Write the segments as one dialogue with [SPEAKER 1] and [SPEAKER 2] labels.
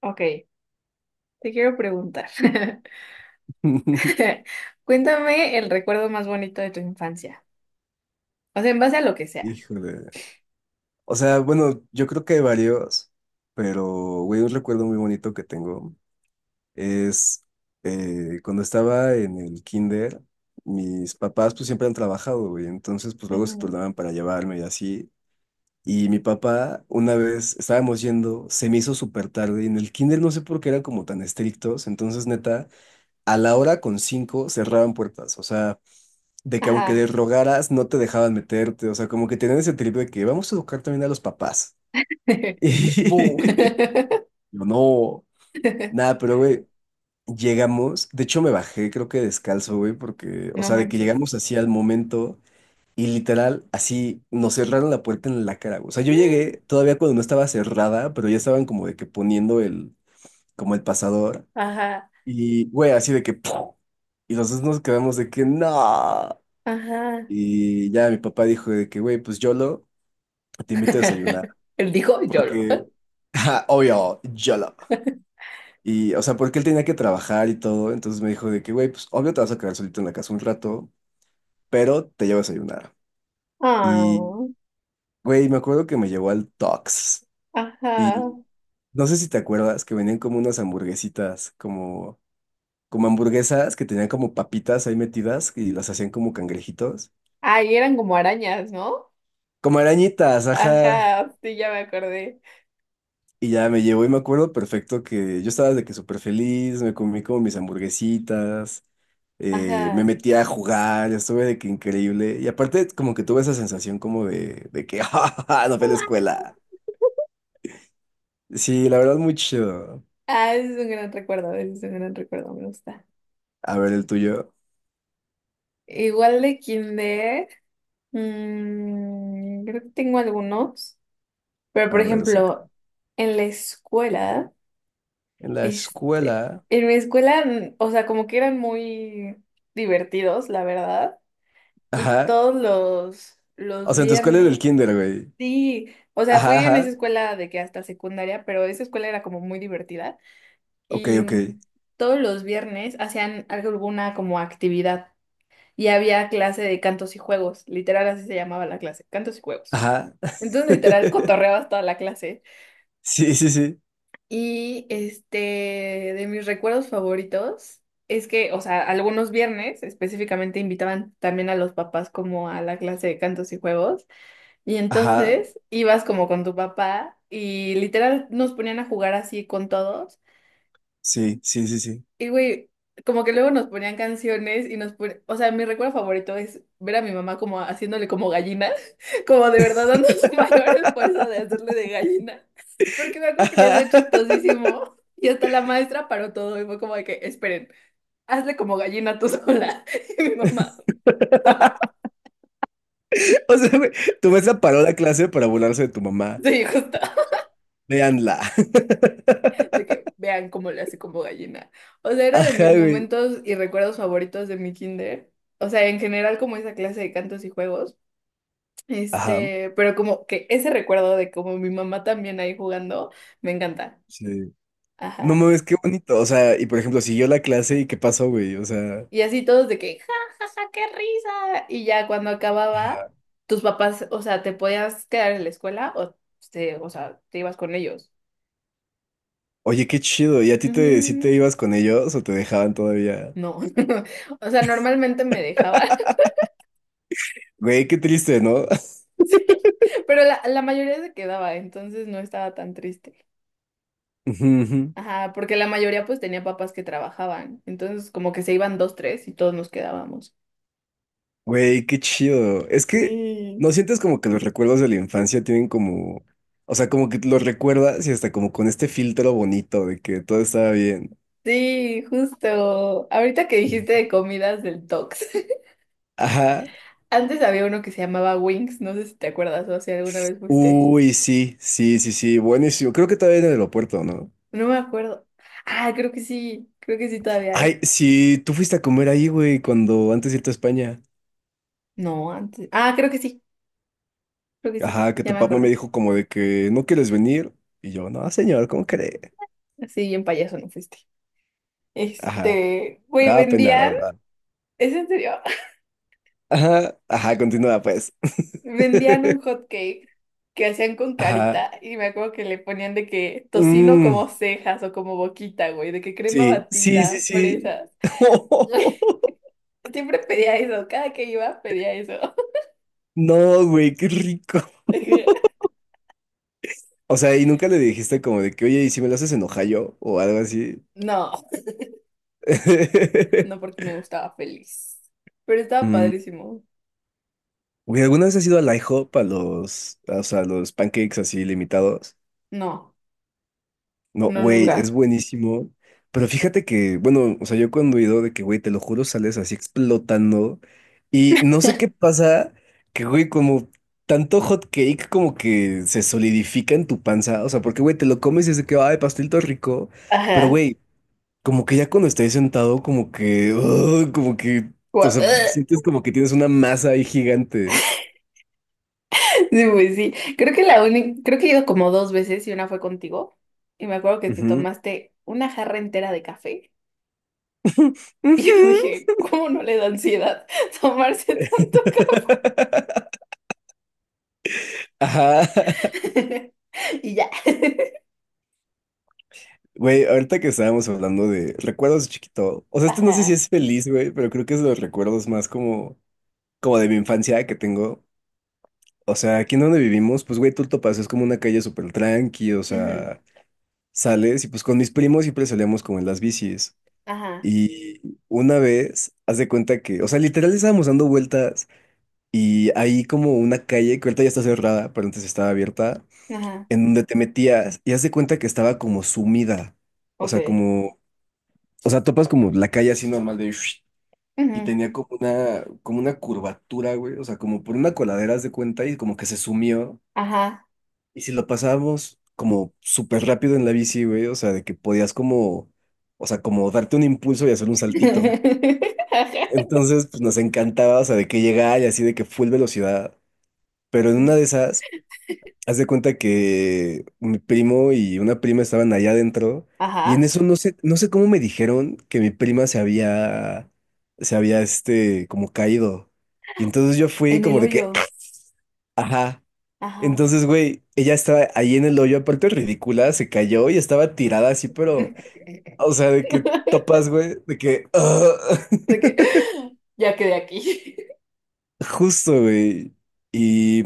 [SPEAKER 1] Ok, te quiero preguntar. Cuéntame el recuerdo más bonito de tu infancia. O sea, en base a lo que sea.
[SPEAKER 2] Híjole. O sea, bueno, yo creo que hay varios, pero, güey, un recuerdo muy bonito que tengo es cuando estaba en el kinder, mis papás pues siempre han trabajado, güey, entonces pues luego se
[SPEAKER 1] Ujú.
[SPEAKER 2] turnaban para llevarme y así. Y mi papá, una vez estábamos yendo, se me hizo súper tarde y en el kinder no sé por qué eran como tan estrictos, entonces neta, a la hora con cinco cerraban puertas, o sea, de que aunque les
[SPEAKER 1] Ajá.
[SPEAKER 2] rogaras, no te dejaban meterte, o sea, como que tenían ese trip de que vamos a educar también a los papás.
[SPEAKER 1] Bu.
[SPEAKER 2] Y yo, no, nada, pero güey, llegamos, de hecho me bajé, creo que descalzo, güey, porque, o
[SPEAKER 1] No
[SPEAKER 2] sea, de que
[SPEAKER 1] manches.
[SPEAKER 2] llegamos así al momento y literal, así nos cerraron la puerta en la cara, güey. O sea, yo llegué todavía cuando no estaba cerrada, pero ya estaban como de que poniendo como el pasador.
[SPEAKER 1] Ajá,
[SPEAKER 2] Y, güey, así de que, ¡pum! Y los dos nos quedamos de que, no.
[SPEAKER 1] ajá.
[SPEAKER 2] Y ya mi papá dijo de que, güey, pues YOLO, te invito a desayunar.
[SPEAKER 1] Él dijo YOLO.
[SPEAKER 2] Porque, ja, obvio, YOLO. Y, o sea, porque él tenía que trabajar y todo. Entonces me dijo de que, güey, pues obvio te vas a quedar solito en la casa un rato, pero te llevo a desayunar.
[SPEAKER 1] Ah,
[SPEAKER 2] Y, güey, me acuerdo que me llevó al Tox.
[SPEAKER 1] ajá.
[SPEAKER 2] Y no sé si te acuerdas que venían como unas hamburguesitas, como hamburguesas que tenían como papitas ahí metidas y las hacían como cangrejitos.
[SPEAKER 1] Ay, eran como arañas, ¿no?
[SPEAKER 2] Como arañitas, ajá.
[SPEAKER 1] Ajá, sí, ya me acordé.
[SPEAKER 2] Y ya me llevó y me acuerdo perfecto que yo estaba de que súper feliz, me comí como mis hamburguesitas, me
[SPEAKER 1] Ajá.
[SPEAKER 2] metí a jugar, estuve de que increíble. Y aparte como que tuve esa sensación como de que, ¡ja, ja, ja! No fue a la escuela. Sí, la verdad muy chido.
[SPEAKER 1] Ah, ese es un gran recuerdo, ese es un gran recuerdo, me gusta.
[SPEAKER 2] A ver el tuyo.
[SPEAKER 1] Igual de kinder, creo que tengo algunos, pero por
[SPEAKER 2] A ver, saca.
[SPEAKER 1] ejemplo, en la escuela,
[SPEAKER 2] En la
[SPEAKER 1] este,
[SPEAKER 2] escuela.
[SPEAKER 1] en mi escuela, o sea, como que eran muy divertidos, la verdad, y
[SPEAKER 2] Ajá.
[SPEAKER 1] todos
[SPEAKER 2] O
[SPEAKER 1] los
[SPEAKER 2] sea, en tu escuela era el
[SPEAKER 1] viernes,
[SPEAKER 2] kinder, güey.
[SPEAKER 1] sí, o sea, fui
[SPEAKER 2] Ajá,
[SPEAKER 1] en esa
[SPEAKER 2] ajá.
[SPEAKER 1] escuela de que hasta secundaria, pero esa escuela era como muy divertida,
[SPEAKER 2] Ok,
[SPEAKER 1] y
[SPEAKER 2] ok.
[SPEAKER 1] mm, todos los viernes hacían alguna como actividad. Y había clase de cantos y juegos, literal así se llamaba la clase, cantos y juegos.
[SPEAKER 2] Ajá.
[SPEAKER 1] Entonces literal cotorreabas toda la clase.
[SPEAKER 2] Sí, sí, sí.
[SPEAKER 1] Y este, de mis recuerdos favoritos es que, o sea, algunos viernes específicamente invitaban también a los papás como a la clase de cantos y juegos. Y
[SPEAKER 2] Ajá.
[SPEAKER 1] entonces ibas como con tu papá y literal nos ponían a jugar así con todos.
[SPEAKER 2] Sí, sí, sí, sí.
[SPEAKER 1] Y güey, como que luego nos ponían canciones y nos ponían, o sea, mi recuerdo favorito es ver a mi mamá como haciéndole como gallina, como de verdad dando su mayor esfuerzo de hacerle de gallina, porque me acuerdo que le
[SPEAKER 2] Ajá.
[SPEAKER 1] hacía chistosísimo y hasta la maestra paró todo y fue como de que, esperen, hazle como gallina tú sola. Y mi mamá, no,
[SPEAKER 2] O sea, güey, tu maestra paró la clase para burlarse de tu mamá.
[SPEAKER 1] sí, justo,
[SPEAKER 2] Véanla.
[SPEAKER 1] de que vean cómo le hace como gallina. O sea, era de
[SPEAKER 2] Ajá,
[SPEAKER 1] mis
[SPEAKER 2] güey.
[SPEAKER 1] momentos y recuerdos favoritos de mi kinder, o sea, en general como esa clase de cantos y juegos.
[SPEAKER 2] Ajá.
[SPEAKER 1] Este, pero como que ese recuerdo de como mi mamá también ahí jugando, me encanta.
[SPEAKER 2] Sí. No
[SPEAKER 1] Ajá.
[SPEAKER 2] mames, qué bonito. O sea, y por ejemplo, siguió la clase y qué pasó, güey. O sea,
[SPEAKER 1] Y así todos de que, ja, ja, ja, qué risa. Y ya cuando acababa,
[SPEAKER 2] ajá.
[SPEAKER 1] tus papás, o sea, te podías quedar en la escuela o, o sea, te ibas con ellos.
[SPEAKER 2] Oye, qué chido. ¿Y a ti te, si
[SPEAKER 1] Ujú.
[SPEAKER 2] te ibas con ellos o te dejaban todavía?
[SPEAKER 1] No. O sea, normalmente me dejaba,
[SPEAKER 2] Güey, qué triste, ¿no?
[SPEAKER 1] sí. Pero la mayoría se quedaba, entonces no estaba tan triste.
[SPEAKER 2] Ujú, ujú.
[SPEAKER 1] Ajá, porque la mayoría pues tenía papás que trabajaban. Entonces como que se iban dos, tres y todos nos quedábamos.
[SPEAKER 2] Güey, qué chido. Es que
[SPEAKER 1] Sí.
[SPEAKER 2] no sientes como que los recuerdos de la infancia tienen como, o sea, como que los recuerdas y hasta como con este filtro bonito de que todo estaba bien.
[SPEAKER 1] Sí, justo. Ahorita que dijiste de comidas del Tox.
[SPEAKER 2] Ajá.
[SPEAKER 1] Antes había uno que se llamaba Wings, no sé si te acuerdas o si alguna vez fuiste.
[SPEAKER 2] Uy, sí, sí, sí, sí, buenísimo. Creo que todavía en el aeropuerto, ¿no?
[SPEAKER 1] No me acuerdo. Ah, creo que sí todavía
[SPEAKER 2] Ay,
[SPEAKER 1] hay.
[SPEAKER 2] sí, tú fuiste a comer ahí, güey, cuando antes de irte a España.
[SPEAKER 1] No, antes. Ah, creo que sí,
[SPEAKER 2] Ajá, que
[SPEAKER 1] ya
[SPEAKER 2] tu
[SPEAKER 1] me
[SPEAKER 2] papá me
[SPEAKER 1] acordé.
[SPEAKER 2] dijo como de que no quieres venir. Y yo, no, señor, ¿cómo cree?
[SPEAKER 1] Sí, bien payaso no fuiste.
[SPEAKER 2] Ajá,
[SPEAKER 1] Este,
[SPEAKER 2] me
[SPEAKER 1] güey,
[SPEAKER 2] daba pena, la
[SPEAKER 1] vendían,
[SPEAKER 2] verdad.
[SPEAKER 1] ¿es en serio?
[SPEAKER 2] Ajá, ajá, continúa pues.
[SPEAKER 1] Vendían un hot cake que hacían con
[SPEAKER 2] Ajá.
[SPEAKER 1] carita y me acuerdo que le ponían de que tocino
[SPEAKER 2] Mm.
[SPEAKER 1] como cejas o como boquita, güey, de que crema
[SPEAKER 2] Sí, sí, sí,
[SPEAKER 1] batida,
[SPEAKER 2] sí.
[SPEAKER 1] fresas. Siempre pedía eso, cada que iba pedía eso.
[SPEAKER 2] No, güey, qué rico. O sea, y nunca le dijiste como de que, oye, ¿y si me lo haces en Ohio o algo así?
[SPEAKER 1] No, no porque me gustaba feliz. Pero estaba
[SPEAKER 2] Mm,
[SPEAKER 1] padrísimo.
[SPEAKER 2] Güey, ¿alguna vez has ido al IHOP a los, o sea, a los pancakes así limitados?
[SPEAKER 1] No,
[SPEAKER 2] No,
[SPEAKER 1] no
[SPEAKER 2] güey, es
[SPEAKER 1] nunca.
[SPEAKER 2] buenísimo. Pero fíjate que, bueno, o sea, yo cuando he ido de que, güey, te lo juro, sales así explotando. Y no sé qué pasa, que, güey, como tanto hot cake como que se solidifica en tu panza. O sea, porque, güey, te lo comes y es de que, ay, pastel todo rico. Pero,
[SPEAKER 1] Ajá.
[SPEAKER 2] güey, como que ya cuando estás sentado, como que, ugh, como que, o
[SPEAKER 1] Gua-
[SPEAKER 2] sea, sientes como que tienes una masa ahí gigante.
[SPEAKER 1] Sí, pues sí. Creo que la única, creo que he ido como dos veces y una fue contigo. Y me acuerdo que te
[SPEAKER 2] Ujú.
[SPEAKER 1] tomaste una jarra entera de café. Y yo
[SPEAKER 2] Ujú.
[SPEAKER 1] dije, ¿cómo no le da ansiedad tomarse tanto
[SPEAKER 2] Ajá.
[SPEAKER 1] café? Y ya.
[SPEAKER 2] Güey, ahorita que estábamos hablando de recuerdos de chiquito, o sea, este no sé si
[SPEAKER 1] Ajá.
[SPEAKER 2] es feliz, güey, pero creo que es de los recuerdos más como de mi infancia que tengo. O sea, aquí en donde vivimos, pues, güey, tú topas, es como una calle súper tranqui, o
[SPEAKER 1] Ujú.
[SPEAKER 2] sea, sales y pues con mis primos siempre salíamos como en las bicis.
[SPEAKER 1] Ajá.
[SPEAKER 2] Y una vez, haz de cuenta que, o sea, literal estábamos dando vueltas y hay como una calle que ahorita ya está cerrada, pero antes estaba abierta,
[SPEAKER 1] Ajá.
[SPEAKER 2] en donde te metías y haz de cuenta que estaba como sumida. O
[SPEAKER 1] Ok.
[SPEAKER 2] sea, como O sea, topas como la calle así normal de... Y
[SPEAKER 1] Ujú.
[SPEAKER 2] tenía como una curvatura, güey. O sea, como por una coladera, haz de cuenta, y como que se sumió.
[SPEAKER 1] Ajá.
[SPEAKER 2] Y si lo pasábamos como súper rápido en la bici, güey. O sea, de que podías como... O sea, como darte un impulso y hacer un saltito. Entonces, pues nos encantaba, o sea, de que llegaba y así de que full velocidad. Pero en una de esas... Haz de cuenta que mi primo y una prima estaban allá adentro y en
[SPEAKER 1] Ajá,
[SPEAKER 2] eso no sé cómo me dijeron que mi prima se había, este, como caído. Y entonces yo fui
[SPEAKER 1] en
[SPEAKER 2] como
[SPEAKER 1] el
[SPEAKER 2] de que, ¡ah!
[SPEAKER 1] hoyo.
[SPEAKER 2] Ajá.
[SPEAKER 1] Ajá.
[SPEAKER 2] Entonces, güey, ella estaba ahí en el hoyo, aparte ridícula, se cayó y estaba tirada así, pero, o sea, de que topas, güey, de que, ah,
[SPEAKER 1] De que, ya quedé aquí.
[SPEAKER 2] justo, güey. Y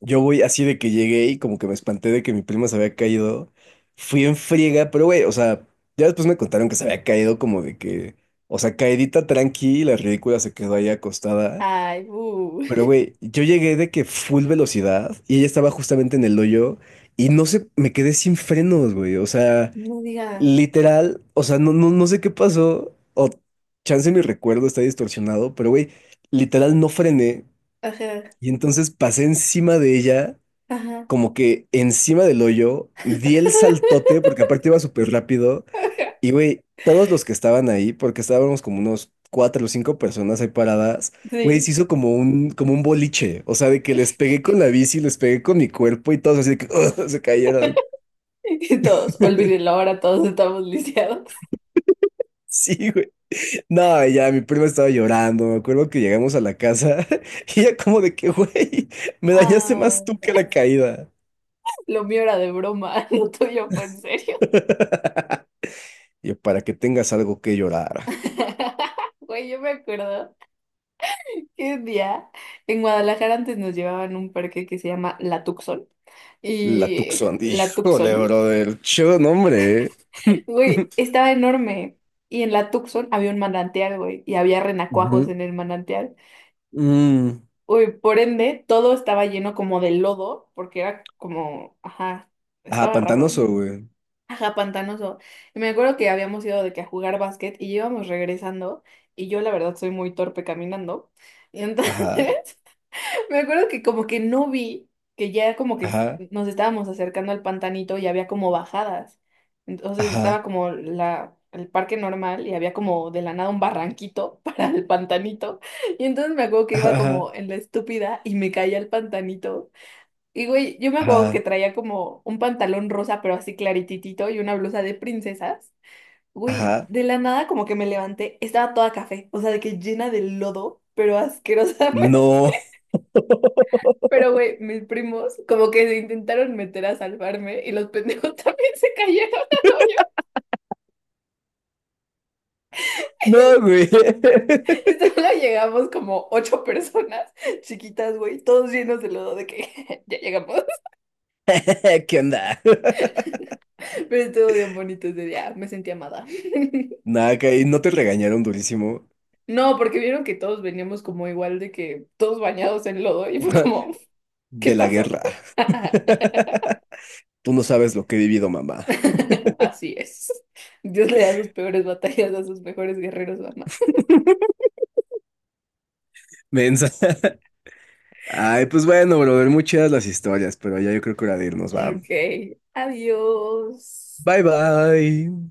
[SPEAKER 2] yo voy así de que llegué y como que me espanté de que mi prima se había caído. Fui en friega, pero güey, o sea, ya después me contaron que se había caído como de que, o sea, caidita tranqui, la ridícula se quedó ahí acostada.
[SPEAKER 1] Ay, bu.
[SPEAKER 2] Pero güey, yo llegué de que full velocidad y ella estaba justamente en el hoyo y no sé, me quedé sin frenos, güey. O sea,
[SPEAKER 1] No digas.
[SPEAKER 2] literal, o sea, no, no, no sé qué pasó o chance mi recuerdo está distorsionado, pero güey, literal no frené
[SPEAKER 1] Ajá,
[SPEAKER 2] y entonces pasé encima de ella
[SPEAKER 1] ajá.
[SPEAKER 2] como que encima del hoyo, di el saltote, porque aparte iba súper rápido,
[SPEAKER 1] Ajá.
[SPEAKER 2] y güey, todos los que estaban ahí, porque estábamos como unos cuatro o cinco personas ahí paradas, güey, se
[SPEAKER 1] Sí.
[SPEAKER 2] hizo como un boliche, o sea, de que les pegué con la bici, les pegué con mi cuerpo y todos así de que se cayeron.
[SPEAKER 1] Y todos, olvídenlo, ahora todos estamos lisiados.
[SPEAKER 2] Sí, güey. No, ya mi prima estaba llorando. Me acuerdo que llegamos a la casa y ella como de que, güey, me dañaste
[SPEAKER 1] Ah,
[SPEAKER 2] más tú que la caída.
[SPEAKER 1] lo mío era de broma, lo tuyo fue en serio.
[SPEAKER 2] Y yo, para que tengas algo que llorar.
[SPEAKER 1] Güey, yo me acuerdo. ¿Qué día? En Guadalajara antes nos llevaban a un parque que se llama La Tuxón.
[SPEAKER 2] La
[SPEAKER 1] Y
[SPEAKER 2] Tucson,
[SPEAKER 1] La
[SPEAKER 2] híjole,
[SPEAKER 1] Tuxón,
[SPEAKER 2] brother. Chido nombre, ¿eh?
[SPEAKER 1] güey, estaba enorme. Y en La Tuxón había un manantial, güey, y había renacuajos
[SPEAKER 2] Ujú.
[SPEAKER 1] en el manantial.
[SPEAKER 2] Mm.
[SPEAKER 1] Uy, por ende, todo estaba lleno como de lodo, porque era como, ajá,
[SPEAKER 2] Ajá,
[SPEAKER 1] estaba raro.
[SPEAKER 2] pantanoso, güey.
[SPEAKER 1] Ajá, pantanoso. Y me acuerdo que habíamos ido de que a jugar básquet y íbamos regresando. Y yo, la verdad, soy muy torpe caminando. Y
[SPEAKER 2] Ajá,
[SPEAKER 1] entonces. Me acuerdo que como que no vi que ya como que
[SPEAKER 2] ajá,
[SPEAKER 1] nos estábamos acercando al pantanito y había como bajadas. Entonces
[SPEAKER 2] ajá,
[SPEAKER 1] estaba como el parque normal y había como de la nada un barranquito para el pantanito. Y entonces me acuerdo que iba
[SPEAKER 2] ajá,
[SPEAKER 1] como en la estúpida y me caía al pantanito. Y güey, yo me acuerdo que
[SPEAKER 2] ajá,
[SPEAKER 1] traía como un pantalón rosa pero así clarititito y una blusa de princesas. Güey,
[SPEAKER 2] ajá.
[SPEAKER 1] de la nada como que me levanté, estaba toda café, o sea, de que llena de lodo, pero asquerosa.
[SPEAKER 2] No,
[SPEAKER 1] Pero, güey, mis primos como que se intentaron meter a salvarme y los pendejos también se cayeron al hoyo.
[SPEAKER 2] no, güey.
[SPEAKER 1] Y solo llegamos como 8 personas chiquitas, güey, todos llenos de lodo de que ya llegamos.
[SPEAKER 2] ¿Qué onda?
[SPEAKER 1] Pero estuvo bien bonito ese día, me sentí amada.
[SPEAKER 2] Nada, que ahí no te regañaron durísimo
[SPEAKER 1] No, porque vieron que todos veníamos como igual de que todos bañados en lodo y fue como, ¿qué
[SPEAKER 2] de la
[SPEAKER 1] pasó?
[SPEAKER 2] guerra. Tú no sabes lo que he vivido, mamá.
[SPEAKER 1] Así es. Dios le da sus peores batallas a sus mejores guerreros, mamá.
[SPEAKER 2] Mensa. Ay, pues bueno, brother, muy chidas las historias, pero ya yo creo que hora de irnos, ¿va?
[SPEAKER 1] Ok, adiós.
[SPEAKER 2] Bye, bye.